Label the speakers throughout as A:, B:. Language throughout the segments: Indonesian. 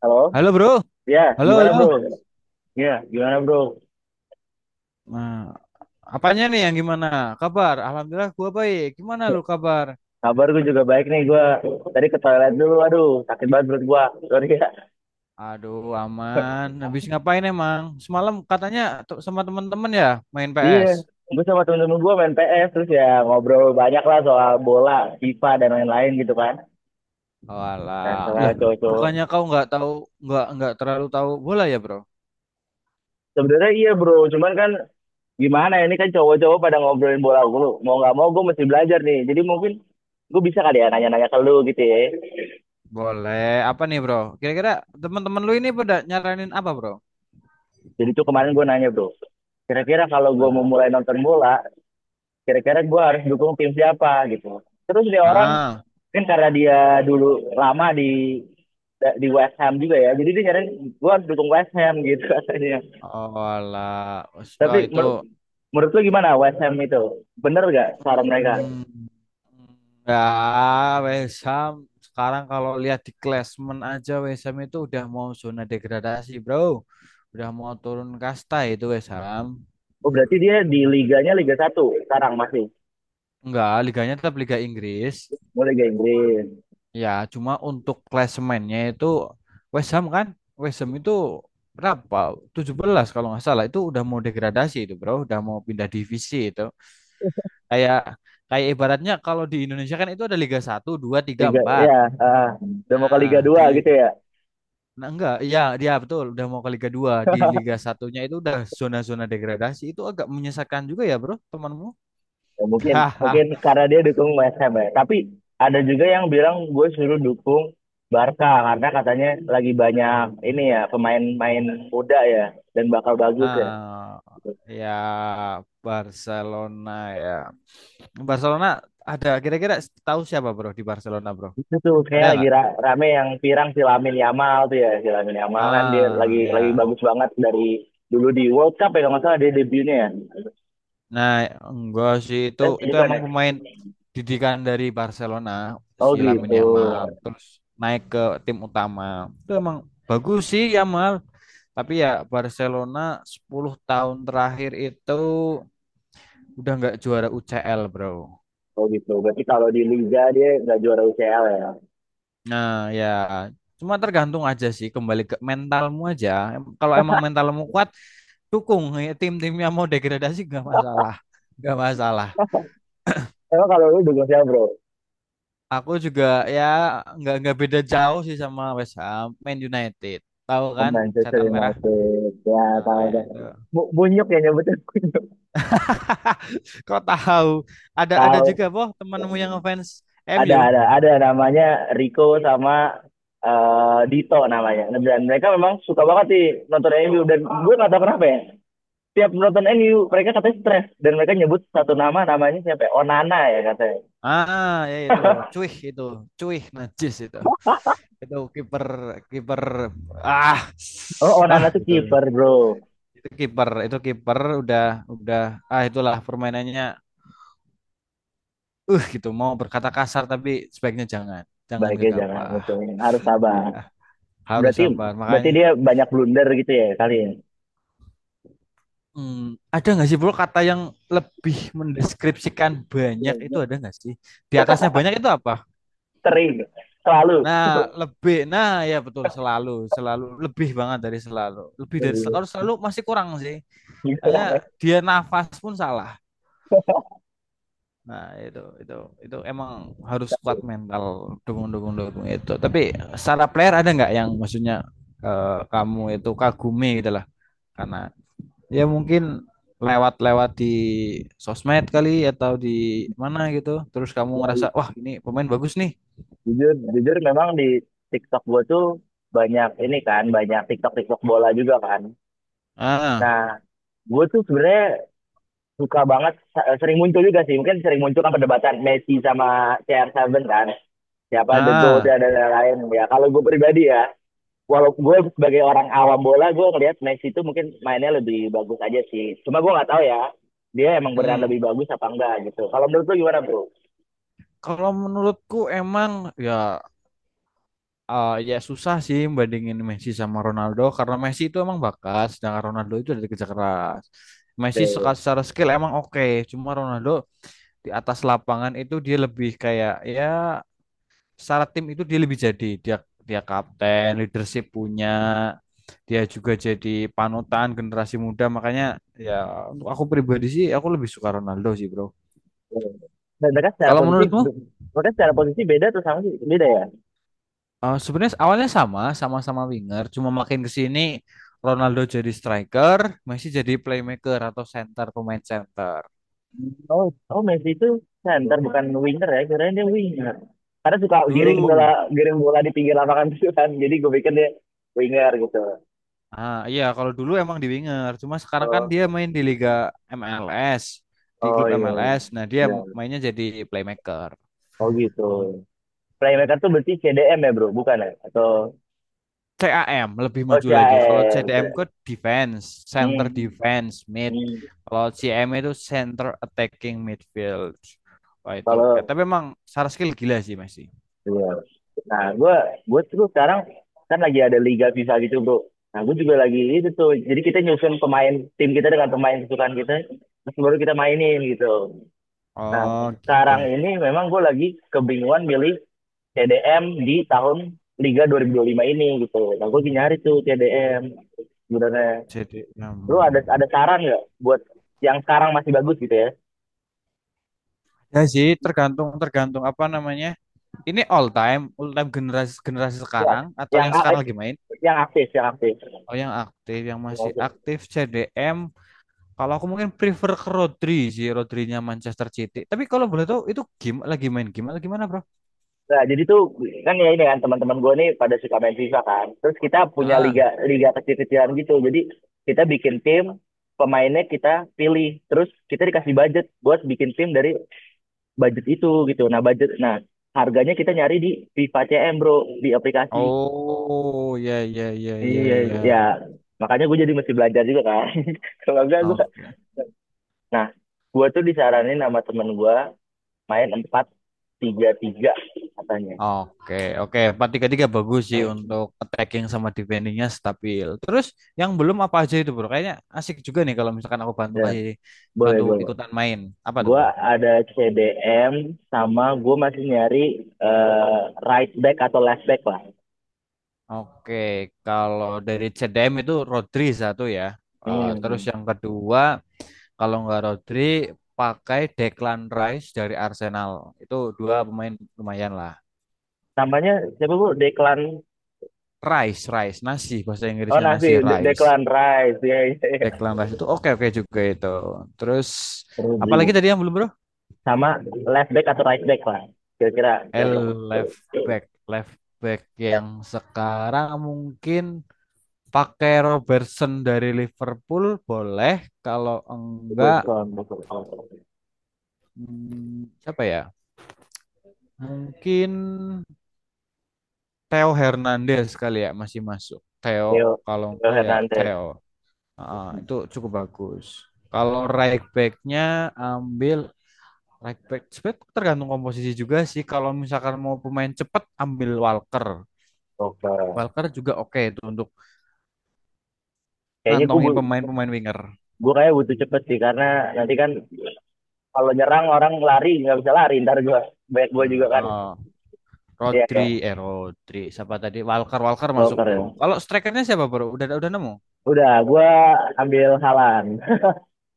A: Halo?
B: Halo bro,
A: Ya,
B: halo
A: gimana bro?
B: halo.
A: Ya, gimana bro?
B: Nah, apanya nih yang gimana? Kabar? Alhamdulillah gua baik. Gimana lu kabar?
A: Kabar gue juga baik nih gue. Tadi ke toilet dulu, aduh sakit banget perut gue. Sorry ya.
B: Aduh, aman. Habis ngapain emang? Semalam katanya tuh sama temen-temen ya main
A: Iya,
B: PS.
A: gue sama temen-temen gue main PS, terus ya ngobrol banyak lah soal bola, FIFA, dan lain-lain gitu kan.
B: Oh,
A: Nah,
B: alah.
A: soal
B: Loh,
A: cowok-cowok.
B: bukannya kau nggak tahu nggak terlalu tahu bola ya, Bro?
A: Sebenarnya iya bro, cuman kan gimana ya, ini kan cowok-cowok pada ngobrolin bola gue. Mau nggak mau gue mesti belajar nih, jadi mungkin gue bisa kali ya nanya-nanya ke lu gitu ya.
B: Boleh. Apa nih, Bro? Kira-kira teman-teman lu ini pada nyaranin apa, Bro?
A: Jadi tuh kemarin gue nanya bro, kira-kira kalau gue mau
B: Gimana?
A: mulai nonton bola, kira-kira gue harus dukung tim siapa gitu terus dia orang
B: Ah,
A: mungkin karena dia dulu lama di West Ham juga ya jadi dia nyariin gue harus dukung West Ham gitu katanya.
B: oh, alah. Oh,
A: Tapi
B: itu.
A: menurut lu gimana, West Ham itu bener gak saran mereka?
B: Hmm. Ya, West Ham sekarang kalau lihat di klasemen aja West Ham itu udah mau zona degradasi, Bro. Udah mau turun kasta itu West Ham.
A: Oh, berarti dia di liganya Liga 1 sekarang masih
B: Enggak, liganya tetap Liga Inggris.
A: mau Liga Inggris.
B: Ya, cuma untuk klasemennya itu West Ham kan. West Ham itu berapa? 17 kalau nggak salah itu udah mau degradasi itu, Bro. Udah mau pindah divisi itu. Kayak kayak ibaratnya kalau di Indonesia kan itu ada Liga satu 2 3
A: Liga
B: empat.
A: ya, udah mau ke Liga
B: Nah,
A: Dua
B: di,
A: gitu ya?
B: Nah, enggak, iya, dia betul udah mau ke Liga dua. Di Liga satunya itu udah zona-zona degradasi. Itu agak menyesakkan juga ya, Bro, temanmu.
A: Ya, mungkin mungkin
B: Hahaha.
A: karena dia dukung West Ham ya. Tapi ada juga yang bilang gue suruh dukung Barca karena katanya lagi banyak ini ya pemain-pemain muda ya dan bakal bagus ya.
B: Ah, ya Barcelona ya. Barcelona ada kira-kira tahu siapa, Bro, di Barcelona, Bro?
A: Itu tuh kayak
B: Ada
A: lagi
B: nggak?
A: rame yang pirang si Lamine Yamal tuh ya. Si Lamine Yamal kan dia lagi
B: Ah,
A: lagi
B: ya.
A: bagus banget dari dulu di World Cup ya kalau nggak salah dia debutnya ya.
B: Nah, enggak sih, itu
A: Eh,
B: itu
A: bukan
B: emang
A: ya?
B: pemain didikan dari Barcelona
A: Oh
B: si Lamine
A: gitu.
B: Yamal terus naik ke tim utama. Itu emang bagus sih Yamal. Tapi ya Barcelona 10 tahun terakhir itu udah nggak juara UCL, bro.
A: Oh gitu. Berarti kalau di Liga dia nggak juara UCL ya.
B: Nah, ya cuma tergantung aja sih, kembali ke mentalmu aja. Kalau emang mentalmu kuat, dukung. Ya, tim tim yang mau degradasi nggak masalah. Nggak masalah.
A: Emang kalau lu dukung siapa bro?
B: Aku juga ya nggak beda jauh sih sama West Ham, Man United. Tahu
A: Oh,
B: kan,
A: Manchester
B: setan merah.
A: United. Ya,
B: Nah,
A: tahu
B: ya
A: tahu.
B: itu.
A: Bunyok ya nyebutnya Bunyok.
B: Kok tahu? Ada juga
A: Tahu.
B: boh temanmu yang ngefans
A: Ada
B: MU.
A: ada ada namanya Rico sama eh, Dito namanya. Dan mereka memang suka banget sih nonton MU dan gue nggak tahu kenapa ya. Tiap nonton MU mereka katanya stres dan mereka nyebut satu nama namanya siapa ya? Onana ya katanya.
B: Ah, ya ya, itu. Cuih itu. Cuih najis itu. Itu kiper, kiper ah
A: Oh, Onana tuh
B: itu.
A: kiper bro.
B: Itu kiper udah ah itulah permainannya. Gitu mau berkata kasar tapi sebaiknya jangan. Jangan
A: Baiknya jangan
B: gegabah.
A: ngecengin. Harus sabar.
B: Ya, harus
A: Berarti
B: sabar.
A: berarti dia
B: Makanya
A: banyak blunder gitu ya kali ya.
B: hmm, ada nggak sih bro kata yang lebih mendeskripsikan banyak itu, ada nggak sih? Di atasnya banyak itu apa?
A: Sering, selalu.
B: Nah, lebih. Nah, ya betul selalu, selalu lebih banget dari selalu. Lebih dari kalau selalu masih kurang sih.
A: Gitu
B: Hanya
A: lah
B: dia nafas pun salah. Nah, itu emang harus kuat mental dukung-dukung dukung itu. Tapi secara player ada nggak yang maksudnya kamu itu kagumi gitu lah karena ya mungkin lewat-lewat di sosmed kali atau di mana gitu. Terus kamu
A: ya.
B: ngerasa, "Wah, ini pemain bagus nih."
A: Jujur, memang di TikTok gue tuh banyak ini kan, banyak TikTok-TikTok bola juga kan.
B: Ah,
A: Nah, gue tuh sebenarnya suka banget, sering muncul juga sih. Mungkin sering muncul kan perdebatan Messi sama CR7 kan. Siapa The GOAT
B: ah.
A: dan lain-lain. Ya, kalau gue pribadi ya, walaupun gue sebagai orang awam bola, gue ngelihat Messi tuh mungkin mainnya lebih bagus aja sih. Cuma gue nggak tahu ya, dia emang beneran
B: Hmm.
A: lebih bagus apa enggak gitu. Kalau menurut lu gimana bro?
B: Kalau menurutku emang ya ya susah sih bandingin Messi sama Ronaldo karena Messi itu emang bakat, sedangkan Ronaldo itu dari kerja keras. Messi
A: Oke.
B: secara skill emang oke, cuma Ronaldo di atas lapangan itu dia lebih kayak, ya secara tim itu dia lebih jadi dia dia kapten, leadership punya, dia juga jadi panutan generasi muda makanya ya untuk aku pribadi sih aku lebih suka Ronaldo sih bro.
A: Dan mereka secara
B: Kalau
A: posisi,
B: menurutmu?
A: mereka secara posisi beda tuh sama sih, beda ya?
B: Eh, sebenarnya awalnya sama, sama-sama winger, cuma makin ke sini Ronaldo jadi striker, Messi jadi playmaker atau center, pemain center.
A: Oh, oh, Messi itu center bukan winger ya, kirain dia winger. Karena suka
B: Dulu,
A: giring bola di pinggir lapangan itu kan. Jadi gue pikir dia winger gitu.
B: ah iya kalau dulu emang di winger, cuma sekarang kan
A: Oh,
B: dia main di Liga MLS, di
A: oh,
B: klub
A: iya.
B: MLS. Nah, dia
A: Iya.
B: mainnya jadi playmaker.
A: Oh gitu. Playmaker tuh berarti CDM ya bro, bukan ya? Atau
B: CAM lebih
A: oh
B: maju lagi. Kalau CDM ke
A: CAM.
B: defense, center
A: Hmm.
B: defense, mid.
A: Hmm.
B: Kalau CM itu center attacking midfield. Wah itu,
A: Kalau
B: tapi emang secara skill gila sih Messi.
A: iya. Nah, gue tuh sekarang kan lagi ada liga FIFA gitu bro. Nah, gue juga lagi itu tuh. Jadi kita nyusun pemain tim kita dengan pemain kesukaan kita. Terus baru kita mainin gitu. Nah,
B: Oh
A: sekarang
B: gitu.
A: ini memang gue lagi kebingungan milih TDM di tahun Liga 2025 ini gitu. Nah, gue lagi nyari tuh TDM sebenarnya.
B: Jadi enam.
A: Lu ada saran nggak buat yang sekarang masih bagus gitu ya?
B: Ya sih tergantung tergantung apa namanya. Ini all time generasi generasi
A: Ya,
B: sekarang atau
A: yang
B: yang
A: eh,
B: sekarang lagi main?
A: yang aktif, yang aktif.
B: Oh yang aktif, yang masih aktif CDM. Kalau aku mungkin prefer ke Rodri sih, Rodrinya Manchester City. Tapi kalau boleh tahu itu game lagi main game atau gimana, Bro?
A: Nah, jadi tuh kan ya ini kan teman-teman gue nih pada suka main FIFA kan. Terus kita punya liga
B: Ah.
A: liga kecil-kecilan gitu. Jadi kita bikin tim, pemainnya kita pilih, terus kita dikasih budget buat bikin tim dari budget itu gitu. Nah, budget nah harganya kita nyari di Viva CM, Bro, di aplikasi.
B: Oh, ya ya ya
A: Iya,
B: ya
A: ya.
B: ya.
A: Makanya gue jadi mesti belajar juga kan. Kalau enggak
B: Oke.
A: nah, gue tuh disaranin sama temen gue main 4-3-3 katanya.
B: Oke, oke. 4-3-3 bagus sih untuk attacking sama defendingnya stabil. Terus yang belum apa aja itu bro? Kayaknya asik juga nih kalau misalkan aku
A: Ya, boleh,
B: bantu
A: boleh.
B: ikutan main. Apa tuh
A: Gue
B: bro?
A: ada CDM sama gue masih nyari eh, right back atau left back lah.
B: Oke, kalau dari CDM itu Rodri satu ya. Eh, terus
A: Hmm.
B: yang kedua, kalau nggak Rodri, pakai Declan Rice dari Arsenal. Itu dua pemain lumayan lah.
A: Namanya siapa bu? Declan.
B: Rice, Rice, nasi bahasa
A: Oh,
B: Inggrisnya
A: nasi.
B: nasi Rice.
A: Declan Rice. Iya, iya, iya.
B: Declan Rice itu oke oke juga itu. Terus
A: Rodri.
B: apalagi tadi yang belum bro?
A: Sama left back atau right back lah kira-kira
B: L
A: siapa?
B: left back left back yang sekarang mungkin pakai Robertson dari Liverpool boleh. Kalau enggak
A: Berson, Berson.
B: siapa ya? Mungkin Theo Hernandez kali ya masih masuk. Theo
A: Theo
B: kalau
A: Theo
B: enggak ya
A: Hernandez.
B: Theo. Ah, itu cukup bagus. Kalau right backnya ambil. Right back. Sebenarnya tergantung komposisi juga sih. Kalau misalkan mau pemain cepat ambil Walker.
A: Oke.
B: Walker juga oke itu untuk
A: Kayaknya gue
B: ngantongin
A: bu-
B: pemain-pemain winger.
A: gue kayak butuh cepet sih karena nanti kan kalau nyerang orang lari nggak bisa lari ntar gue banyak gue
B: Nah,
A: juga kan. Iya
B: Rodri,
A: ya.
B: Rodri, siapa tadi? Walker, Walker masuk
A: Walker
B: tuh.
A: ya,
B: Kalau strikernya siapa bro? Udah nemu?
A: udah gue ambil Halan.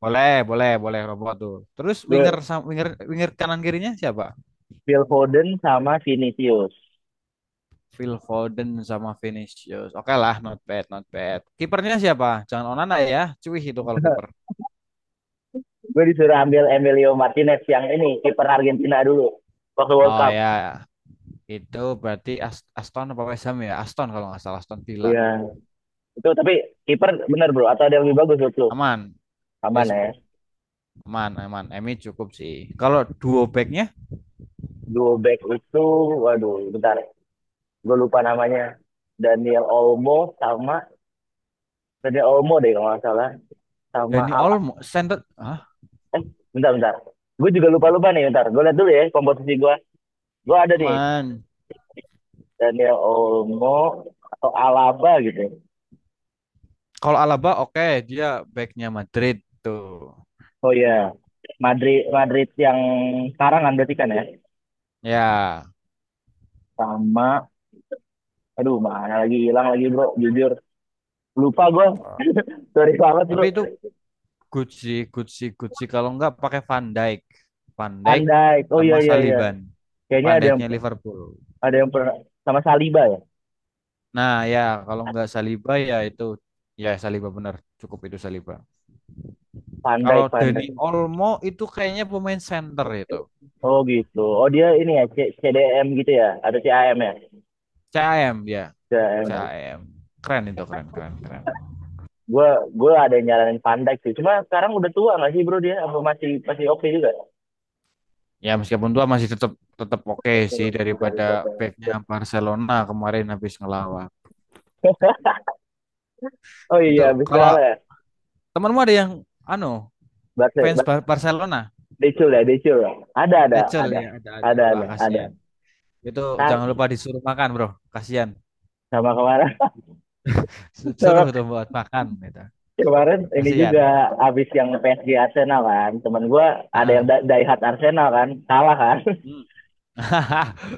B: Boleh, boleh, boleh robot tuh. Terus winger
A: Gue
B: winger winger kanan kirinya siapa?
A: Phil Foden sama Vinicius.
B: Phil Foden sama Vinicius. Oke lah, not bad, not bad. Kipernya siapa? Jangan Onana ya. Cuy itu kalau kiper.
A: Gue disuruh ambil Emilio Martinez yang ini kiper Argentina dulu waktu World
B: Oh
A: Cup.
B: ya. Itu berarti Aston apa West Ham ya? Aston kalau nggak salah Aston Villa.
A: Iya. Itu tapi kiper bener bro atau ada yang lebih bagus menurut?
B: Aman.
A: Aman
B: Yes,
A: ya.
B: aman, aman. Emi cukup sih. Kalau duo backnya
A: Duo back itu, waduh, bentar, gue lupa namanya. Daniel Olmo sama Daniel Olmo deh kalau nggak salah, sama
B: Dani
A: Ala.
B: Olmo, center,
A: Eh, bentar, bentar. Gue juga lupa-lupa nih, bentar. Gue lihat dulu ya komposisi gue. Gue ada nih
B: aman.
A: Daniel Olmo atau Alaba gitu.
B: Kalau Alaba oke, dia backnya Madrid tuh.
A: Oh iya, Madrid Madrid yang sekarang kan berarti kan ya,
B: Ya,
A: sama aduh mana lagi hilang lagi bro, jujur lupa gue. Sorry banget
B: tapi
A: bro.
B: itu good sih, good sih, good sih. Kalau nggak pakai Van Dijk,
A: Andai. Oh
B: sama
A: iya iya iya.
B: Saliban.
A: Kayaknya
B: Van
A: ada yang
B: Dijknya Liverpool.
A: ada yang pernah sama Saliba ya.
B: Nah ya, kalau nggak Saliba ya itu, ya Saliba bener. Cukup itu Saliba.
A: Pandai,
B: Kalau
A: pandai.
B: Dani Olmo itu kayaknya pemain center itu.
A: Oh gitu. Oh dia ini ya, CDM gitu ya, atau CAM ya?
B: CAM ya,
A: CAM.
B: CAM. Keren itu, keren, keren, keren.
A: Gue gue ada yang nyaranin pandai sih. Cuma sekarang udah tua nggak sih bro dia? Apa masih masih oke juga?
B: Ya meskipun tua masih tetap tetap oke sih
A: Terus bisa
B: daripada
A: dicoba.
B: backnya Barcelona kemarin habis ngelawan.
A: Oh iya,
B: Itu
A: habis
B: kalau
A: kalah ya.
B: temanmu ada yang anu
A: Bate,
B: fans
A: Bate-
B: Barcelona,
A: Decul ya, Decul. Ya.
B: ada
A: Ada,
B: cel
A: ada.
B: ya, ada ada. Wah,
A: Ada, ada.
B: kasihan. Itu
A: Ta-
B: jangan lupa disuruh makan, Bro. Kasihan.
A: Sama kemarin,
B: Suruh
A: sama
B: itu buat makan gitu.
A: kemarin ini
B: Kasihan.
A: juga habis yang PSG Arsenal kan. Temen gue ada yang
B: Heeh.
A: Daihat Arsenal kan, kalah kan.
B: Hmm.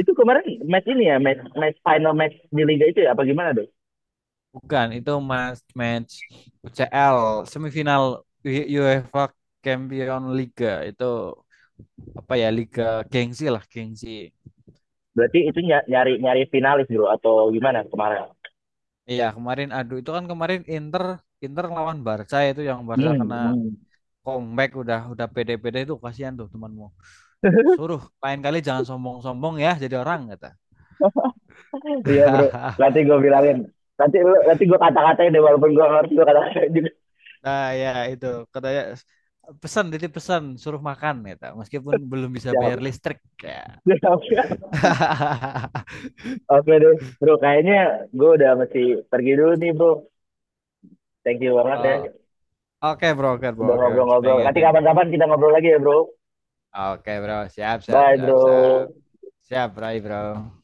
A: Itu kemarin match ini ya, match final match di liga itu ya apa gimana deh?
B: Bukan, itu match match UCL semifinal UEFA Champion Liga itu apa ya, Liga gengsi lah, gengsi.
A: Berarti itu nyari nyari finalis bro atau gimana kemarin?
B: Iya kemarin aduh itu kan kemarin Inter Inter lawan Barca itu yang Barca
A: Hmm,
B: kena
A: hmm.
B: comeback udah pede-pede itu kasihan tuh temanmu. Suruh lain kali jangan sombong-sombong ya jadi orang kata.
A: Iya bro, nanti gue bilangin. Nanti nanti gue kata-katain deh walaupun gue ngerti gue kata-katain juga.
B: Nah ya itu katanya pesan, titip pesan suruh makan kata meskipun belum bisa
A: Siap.
B: bayar listrik ya.
A: Siap. Siap. Oke deh, bro. Kayaknya gue udah mesti pergi dulu nih bro. Thank you banget ya
B: Eh, oke bro, oke bro,
A: udah
B: oke.
A: ngobrol-ngobrol.
B: Thank you,
A: Nanti
B: thank you.
A: kapan-kapan kita ngobrol lagi ya bro.
B: Oke bro, siap, siap,
A: Bye
B: siap, siap.
A: bro.
B: Siap, Rai bro.